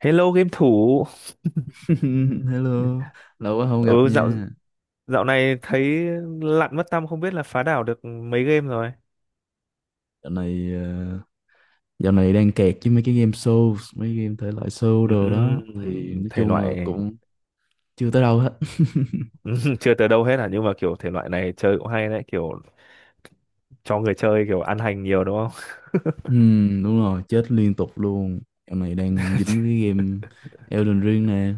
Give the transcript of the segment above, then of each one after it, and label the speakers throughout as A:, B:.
A: Hello game thủ.
B: Hello, lâu quá không gặp
A: Ừ, dạo
B: nha.
A: dạo này thấy lặn mất tăm, không biết là phá đảo được mấy game rồi.
B: Dạo này ờ, dạo này đang kẹt với mấy cái game show, mấy game thể loại show đồ đó thì nói
A: Thể
B: chung là
A: loại.
B: cũng chưa tới đâu hết.
A: Chưa tới đâu hết à, nhưng mà kiểu thể loại này chơi cũng hay đấy, kiểu cho người chơi kiểu ăn hành nhiều, đúng không?
B: Đúng rồi, chết liên tục luôn. Dạo này đang dính với game Elden Ring nè.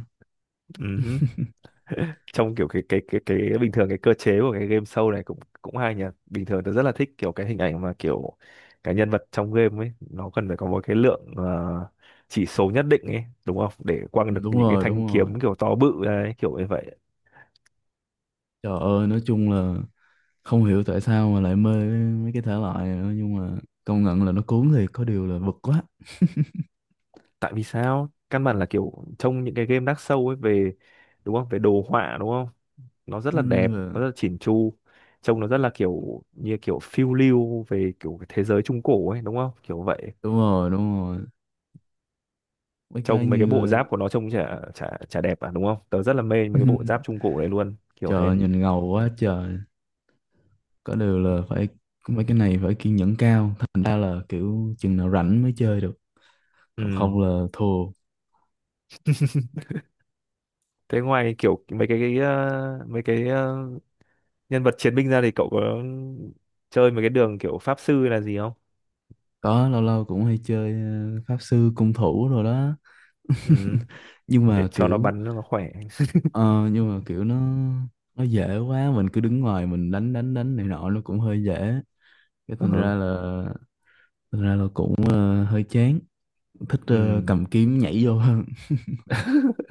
A: Ừm, Trong kiểu cái bình thường, cái cơ chế của cái game show này cũng cũng hay nhỉ. Bình thường tôi rất là thích kiểu cái hình ảnh mà kiểu cái nhân vật trong game ấy nó cần phải có một cái lượng, chỉ số nhất định ấy, đúng không, để quăng
B: Ừ,
A: được
B: đúng
A: những cái
B: rồi,
A: thanh
B: đúng rồi.
A: kiếm kiểu to bự đấy, kiểu như vậy.
B: Trời ơi, nói chung là không hiểu tại sao mà lại mê mấy cái thể loại này nữa, nhưng mà công nhận là nó cuốn thì có điều là bực quá.
A: Tại vì sao căn bản là kiểu trong những cái game Dark Souls ấy về, đúng không, về đồ họa, đúng không, nó rất là đẹp,
B: Ừm, và-
A: nó rất là chỉn chu, trông nó rất là kiểu như kiểu phiêu lưu về kiểu cái thế giới trung cổ ấy, đúng không, kiểu vậy.
B: Đúng rồi, đúng rồi. Mấy cái
A: Trông mấy cái bộ
B: như
A: giáp của nó trông chả chả chả đẹp à, đúng không? Tớ rất là mê mấy cái bộ giáp trung cổ đấy luôn, kiểu thế.
B: trời nhìn ngầu quá trời. Có điều là phải, cũng mấy cái này phải kiên nhẫn cao. Thành ra là kiểu chừng nào rảnh mới chơi được, còn
A: Ừ,
B: không là thua.
A: thế ngoài kiểu mấy cái nhân vật chiến binh ra thì cậu có chơi mấy cái đường kiểu pháp sư là gì không?
B: Có lâu lâu cũng hay chơi pháp sư cung thủ rồi đó.
A: Ừ,
B: Nhưng
A: để
B: mà
A: cho nó
B: kiểu
A: bắn cho nó khỏe.
B: ờ, Nhưng mà kiểu nó nó dễ quá. Mình cứ đứng ngoài mình đánh đánh đánh này nọ, nó cũng hơi dễ. Cái thành
A: Ừ,
B: ra là Thành ra là cũng hơi chán. Thích
A: ừ,
B: cầm kiếm nhảy vô hơn.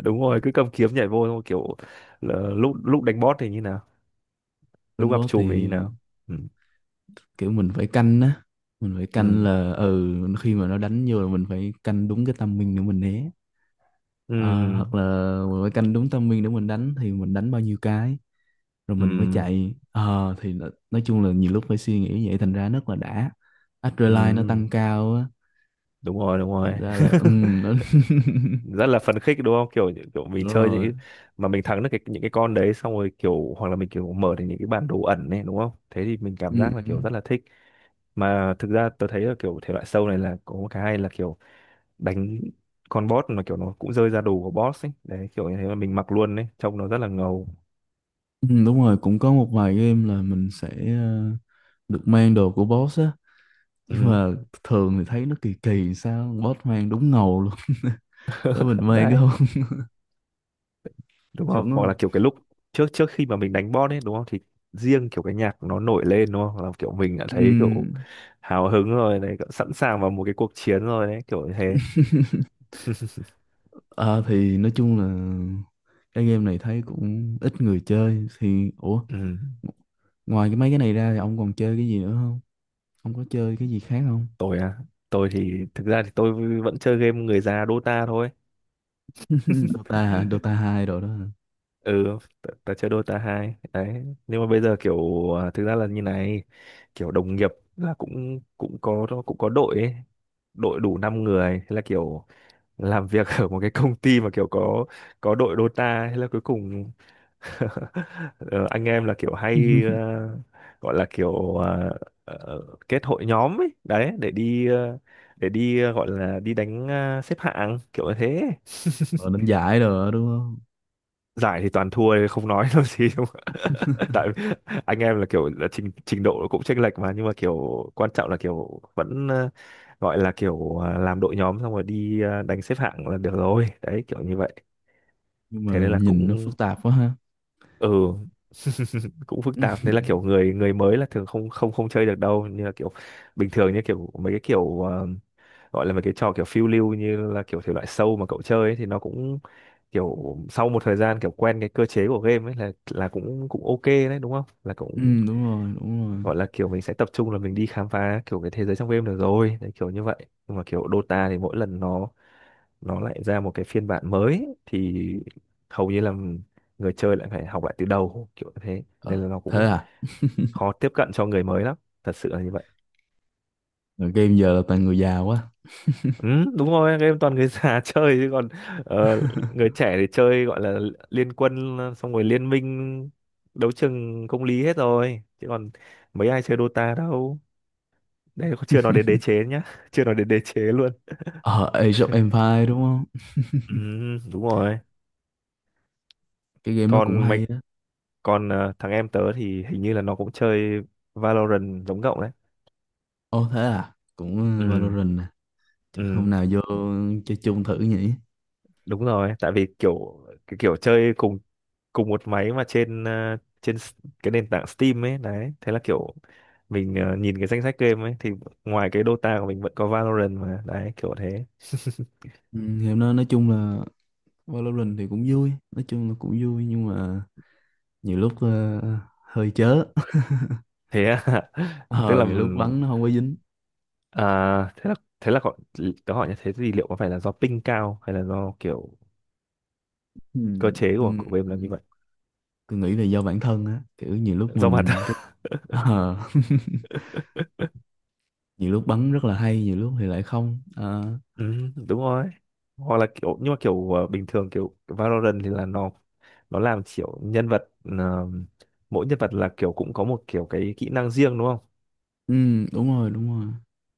A: đúng rồi, cứ cầm kiếm nhảy vô xong kiểu, là lúc lúc đánh boss thì như nào, lúc
B: Đánh
A: gặp
B: boss thì
A: trùm thì như nào? Ừ,
B: kiểu mình phải canh á, mình phải canh
A: ừ,
B: là ừ khi mà nó đánh vô là mình phải canh đúng cái timing để mình né.
A: ừ,
B: Ờ, hoặc là mình phải canh đúng timing để mình đánh, thì mình đánh bao nhiêu cái rồi
A: ừ,
B: mình mới chạy. Ờ, thì nói chung là nhiều lúc phải suy nghĩ vậy thành ra rất là đã, adrenaline nó
A: ừ,
B: tăng cao á,
A: đúng rồi, đúng
B: thành
A: rồi.
B: ra là ừ nó.
A: Rất là phấn khích, đúng không, kiểu kiểu mình
B: Đúng
A: chơi
B: rồi.
A: những mà mình thắng được cái, những cái con đấy xong rồi kiểu, hoặc là mình kiểu mở được những cái bản đồ ẩn này, đúng không, thế thì mình cảm
B: Ừ,
A: giác là kiểu rất là thích. Mà thực ra tôi thấy là kiểu thể loại sâu này là có một cái hay là kiểu đánh con boss, mà kiểu nó cũng rơi ra đồ của boss ấy đấy, kiểu như thế, mà mình mặc luôn đấy, trông nó rất là ngầu.
B: ừ, đúng rồi, cũng có một vài game là mình sẽ ờ, được mang đồ của boss á, nhưng
A: Ừ,
B: mà thường thì thấy nó kỳ kỳ, sao boss mang đúng ngầu luôn tới mình mang cái
A: đấy,
B: không.
A: đúng không?
B: Chuẩn
A: Hoặc là
B: không.
A: kiểu cái lúc trước trước khi mà mình đánh boss ấy, đúng không, thì riêng kiểu cái nhạc nó nổi lên, đúng không, là kiểu mình đã thấy kiểu
B: Ừm,
A: hào hứng rồi này, kiểu sẵn sàng vào một cái cuộc chiến rồi đấy, kiểu như thế.
B: à, thì nói chung là cái game này thấy cũng ít người chơi thì ủa,
A: Ừ.
B: ngoài cái mấy cái này ra thì ông còn chơi cái gì nữa không, ông có chơi cái gì khác không?
A: Tôi à? Tôi thì thực ra thì tôi vẫn chơi game người già Dota thôi.
B: Dota hả? Dota hai rồi đó hả?
A: Ừ, ta chơi Dota 2 đấy, nhưng mà bây giờ kiểu, à, thực ra là như này, kiểu đồng nghiệp là cũng cũng có đội ấy, đội đủ 5 người, thế là kiểu làm việc ở một cái công ty mà kiểu có đội Dota hay là cuối cùng. Ờ, anh em là kiểu hay, gọi là kiểu, ờ, kết hội nhóm ấy đấy, để đi gọi là đi đánh, xếp hạng, kiểu như thế.
B: Rồi đánh giải rồi đó, đúng không?
A: Giải thì toàn thua, không nói làm gì, đúng không? Tại anh em là kiểu là trình trình độ cũng chênh lệch mà, nhưng mà kiểu quan trọng là kiểu vẫn, gọi là kiểu, làm đội nhóm xong rồi đi, đánh xếp hạng là được rồi đấy, kiểu như vậy.
B: Nhưng mà
A: Thế nên là
B: nhìn nó
A: cũng,
B: phức tạp quá ha.
A: ừ, cũng phức tạp, nên là kiểu người người mới là thường không không không chơi được đâu, như là kiểu bình thường, như kiểu mấy cái kiểu, gọi là mấy cái trò kiểu phiêu lưu như là kiểu thể loại sâu mà cậu chơi ấy, thì nó cũng kiểu sau một thời gian kiểu quen cái cơ chế của game ấy là cũng cũng ok đấy, đúng không, là
B: Ừ,
A: cũng
B: đúng rồi đúng rồi.
A: gọi là kiểu mình sẽ tập trung là mình đi khám phá kiểu cái thế giới trong game được rồi đấy, kiểu như vậy. Nhưng mà kiểu Dota thì mỗi lần nó lại ra một cái phiên bản mới thì hầu như là người chơi lại phải học lại từ đầu, kiểu như thế
B: Ờ,
A: nên là nó
B: thế
A: cũng
B: à.
A: khó tiếp cận cho người mới lắm, thật sự là như vậy.
B: Rồi game giờ là toàn người già quá.
A: Ừ, đúng rồi, game toàn người già chơi chứ còn, ờ, người trẻ thì chơi gọi là Liên Quân xong rồi Liên Minh, Đấu Trường Công Lý hết rồi chứ còn mấy ai chơi Dota đâu. Đây chưa nói đến Đế Chế nhá. Chưa nói đến Đế Chế luôn.
B: Ờ, Age of Empire đúng không?
A: Ừ, đúng rồi.
B: Cái game nó cũng
A: Còn mấy,
B: hay đó.
A: còn thằng em tớ thì hình như là nó cũng chơi Valorant giống cậu đấy.
B: Ồ thế à? Cũng
A: Ừ,
B: Valorant à? Chắc hôm
A: ừ,
B: nào vô chơi chung thử nhỉ?
A: đúng rồi, tại vì kiểu cái kiểu chơi cùng cùng một máy mà trên, ờ, trên s- cái nền tảng Steam ấy đấy, thế là kiểu mình, nhìn cái danh sách game ấy thì ngoài cái Dota của mình vẫn có Valorant mà đấy, kiểu thế.
B: Ừ, game nó nói chung là Valorant thì cũng vui. Nói chung là cũng vui nhưng mà nhiều lúc hơi chớ.
A: Thế à? Tức
B: Ờ,
A: là
B: nhiều lúc bắn nó không có dính.
A: à, thế là thế là có, tớ hỏi như thế thì liệu có phải là do ping cao hay là do kiểu
B: Ừ,
A: cơ chế của
B: ừ,
A: của game là như vậy,
B: tôi nghĩ là do bản thân á. Kiểu nhiều lúc
A: do bản.
B: mình... cái Ờ, nhiều lúc bắn rất là hay, nhiều lúc thì lại không. Ờ,
A: Ừ, đúng rồi. Hoặc là kiểu, nhưng mà kiểu, bình thường kiểu Valorant thì là nó làm kiểu nhân vật, ờ, mỗi nhân vật là kiểu cũng có một kiểu cái kỹ năng riêng, đúng không?
B: ừ, đúng rồi, đúng rồi.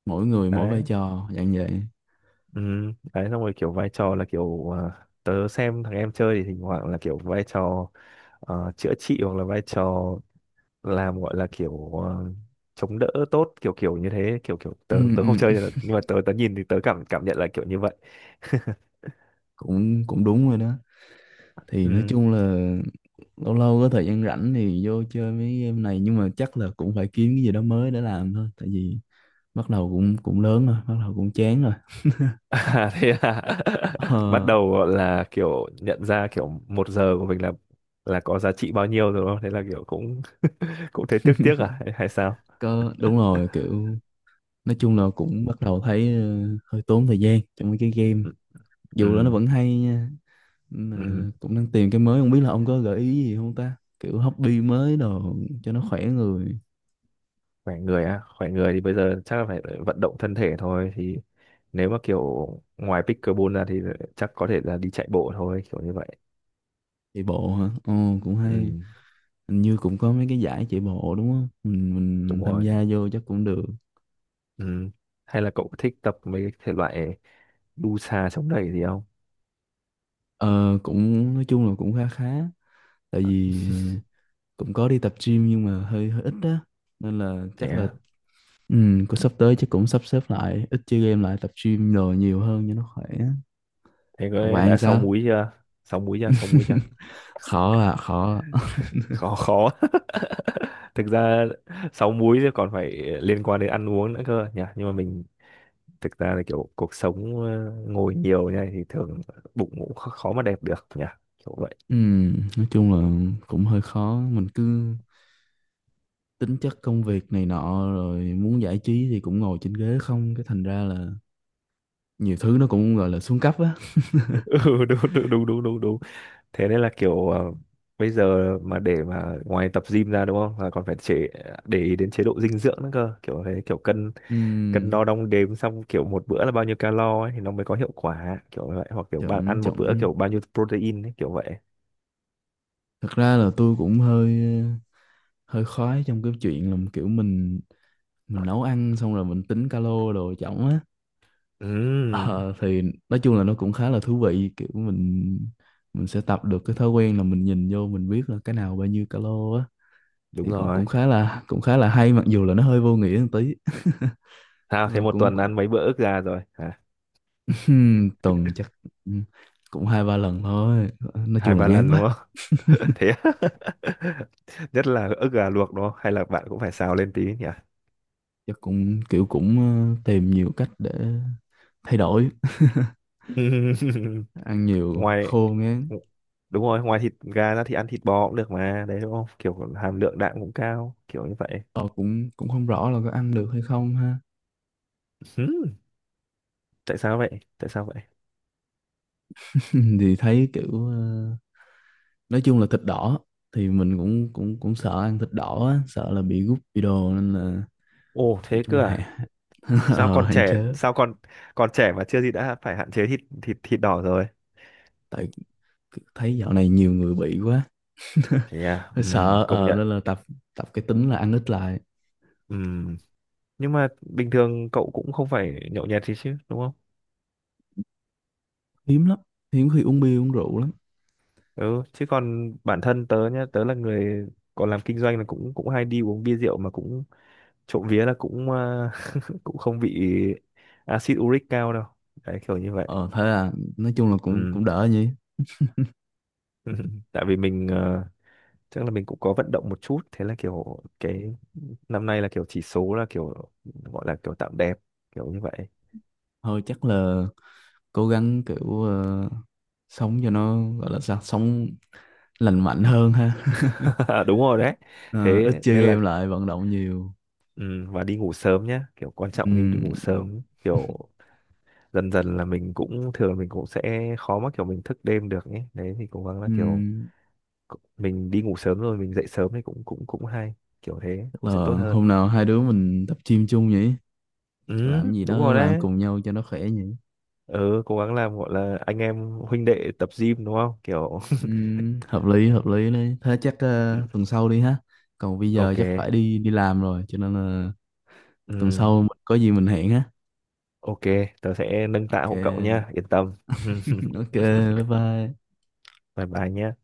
B: Mỗi người mỗi
A: Đấy.
B: vai trò dạng vậy.
A: Ừ, đấy xong rồi kiểu vai trò là kiểu, tớ xem thằng em chơi thì thỉnh thoảng là kiểu vai trò, chữa trị hoặc là vai trò làm, gọi là kiểu, chống đỡ tốt, kiểu kiểu như thế, kiểu kiểu tớ
B: Ừ,
A: tớ không
B: ừ,
A: chơi, nhưng mà tớ tớ nhìn thì tớ cảm cảm nhận là kiểu như vậy.
B: cũng cũng đúng rồi đó, thì nói
A: Ừ.
B: chung là lâu lâu có thời gian rảnh thì vô chơi mấy game này, nhưng mà chắc là cũng phải kiếm cái gì đó mới để làm thôi, tại vì bắt đầu cũng cũng lớn rồi, bắt đầu cũng chán rồi.
A: À, thế à? Bắt
B: ờ,
A: đầu gọi là kiểu nhận ra kiểu một giờ của mình là có giá trị bao nhiêu rồi, đúng không? Thế là kiểu cũng cũng thấy tiếc tiếc à, hay sao?
B: có đúng rồi, kiểu nói chung là cũng bắt đầu thấy hơi tốn thời gian trong mấy cái game,
A: Ừ, ừ,
B: dù là nó vẫn hay nha, mà
A: ừ.
B: cũng đang tìm cái mới, không biết là ông có gợi ý gì không ta, kiểu hobby mới đồ cho nó khỏe người.
A: Khỏe người á, khỏe người thì bây giờ chắc là phải vận động thân thể thôi, thì nếu mà kiểu ngoài pickleball ra thì chắc có thể là đi chạy bộ thôi, kiểu như vậy.
B: Chạy bộ hả? Ồ cũng
A: Ừ,
B: hay, hình như cũng có mấy cái giải chạy bộ đúng không, mình
A: đúng
B: tham
A: rồi.
B: gia vô chắc cũng được.
A: Ừ. Hay là cậu thích tập mấy cái thể loại đu xà chống đẩy gì không?
B: Ờ, cũng nói chung là cũng khá khá, tại vì cũng có đi tập gym nhưng mà hơi hơi ít á, nên là
A: Thế
B: chắc là
A: à?
B: ừ, cũng sắp tới chắc cũng sắp xếp lại, ít chơi game lại, tập gym đồ nhiều hơn cho nó khỏe.
A: Thế
B: Còn
A: có
B: bạn
A: đã sáu
B: sao?
A: múi chưa? Sáu múi chưa? Sáu múi chưa?
B: Khó à, khó à.
A: Khó, khó. Thực ra sáu múi thì còn phải liên quan đến ăn uống nữa cơ nhỉ, nhưng mà mình thực ra là kiểu cuộc sống, ngồi nhiều như này thì thường bụng cũng khó, khó mà đẹp được nhỉ, kiểu vậy.
B: Ừ, nói chung là cũng hơi khó, mình cứ tính chất công việc này nọ rồi muốn giải trí thì cũng ngồi trên ghế không, cái thành ra là nhiều thứ nó cũng gọi là xuống cấp á.
A: Ừ, đúng đúng đúng đúng đúng đúng. Thế nên là kiểu, bây giờ mà để mà ngoài tập gym ra, đúng không, là còn phải để ý đến chế độ dinh dưỡng nữa cơ, kiểu thế, kiểu cân cân đo
B: Ừm,
A: đong đếm, xong kiểu một bữa là bao nhiêu calo ấy thì nó mới có hiệu quả, kiểu vậy, hoặc kiểu bạn
B: chuẩn
A: ăn một bữa
B: chuẩn.
A: kiểu bao nhiêu protein ấy, kiểu vậy.
B: Thật ra là tôi cũng hơi hơi khoái trong cái chuyện là kiểu mình nấu ăn xong rồi mình tính calo đồ chổng á.
A: Ừ,
B: Ờ, thì nói chung là nó cũng khá là thú vị, kiểu mình sẽ tập được cái thói quen là mình nhìn vô mình biết là cái nào bao nhiêu calo á,
A: đúng
B: thì cũng
A: rồi.
B: cũng khá là hay, mặc dù là nó hơi vô nghĩa một tí.
A: Sao
B: nhưng
A: thế,
B: mà
A: một
B: cũng
A: tuần
B: cũng-
A: ăn mấy bữa ức gà rồi hả?
B: Tuần chắc cũng hai ba lần thôi, nói
A: Hai
B: chung là
A: ba
B: ngán
A: lần, đúng
B: quá.
A: không? Thế á? Nhất là ức gà luộc, đúng không, hay là bạn cũng phải xào lên tí nhỉ?
B: Chắc cũng kiểu cũng tìm nhiều cách để thay đổi, ăn nhiều
A: ngoài
B: khô ngán.
A: Đúng rồi, ngoài thịt gà ra thì ăn thịt bò cũng được mà đấy, đúng không, kiểu hàm lượng đạm cũng cao, kiểu như vậy.
B: Ờ, cũng cũng không rõ là có ăn được hay không ha.
A: Ừm, Tại sao vậy? Tại sao vậy?
B: Thì thấy kiểu nói chung là thịt đỏ thì mình cũng cũng cũng sợ ăn thịt đỏ á, sợ là bị gút bị đồ nên là
A: Ồ,
B: nói
A: thế
B: chung
A: cơ
B: là
A: à? Sao
B: ờ,
A: còn
B: hạn
A: trẻ,
B: chế.
A: sao còn còn trẻ mà chưa gì đã phải hạn chế thịt thịt thịt đỏ rồi?
B: Tại thấy dạo này nhiều người bị quá.
A: Thế à?
B: Hơi sợ
A: Công
B: ờ,
A: nhận.
B: nên là tập tập cái tính là ăn ít lại.
A: Ừ, nhưng mà bình thường cậu cũng không phải nhậu nhẹt gì chứ, đúng không?
B: Hiếm lắm, hiếm khi uống bia uống rượu lắm.
A: Ừ, chứ còn bản thân tớ nhá, tớ là người còn làm kinh doanh là cũng cũng hay đi uống bia rượu mà, cũng trộm vía là cũng, cũng không bị axit uric cao đâu, đấy kiểu như vậy.
B: Ờ thế là nói chung là cũng
A: Ừ.
B: cũng đỡ nhỉ.
A: Tại vì mình, chắc là mình cũng có vận động một chút, thế là kiểu cái năm nay là kiểu chỉ số là kiểu, gọi là kiểu tạm đẹp, kiểu như vậy.
B: Thôi chắc là cố gắng kiểu sống cho nó gọi là sao, sống lành mạnh hơn ha.
A: Đúng rồi đấy,
B: Ờ,
A: thế
B: ít chơi
A: nên là,
B: game lại, vận động nhiều.
A: ừ, và đi ngủ sớm nhá, kiểu quan trọng, đi đi
B: Ừm,
A: ngủ sớm kiểu, dần dần là mình cũng thường, mình cũng sẽ khó mà kiểu mình thức đêm được ấy đấy, thì cố gắng là kiểu
B: ừm,
A: mình đi ngủ sớm rồi mình dậy sớm thì cũng cũng cũng hay, kiểu thế
B: chắc
A: nó
B: là
A: sẽ tốt hơn.
B: hôm nào hai đứa mình tập gym chung nhỉ,
A: Ừ,
B: làm gì
A: đúng
B: đó
A: rồi
B: làm
A: đấy.
B: cùng nhau cho nó khỏe nhỉ.
A: Ừ, cố gắng làm, gọi là anh em huynh đệ tập gym, đúng không, kiểu.
B: Hợp lý đấy, thế chắc
A: Ừ,
B: tuần sau đi ha. Còn bây giờ
A: ok.
B: chắc phải đi đi làm rồi, cho nên là tuần
A: Ừ,
B: sau có gì mình hẹn ha.
A: ok, tớ sẽ nâng tạ hộ cậu nha,
B: Ok.
A: yên tâm.
B: Ok, bye bye.
A: Bye bye nhé.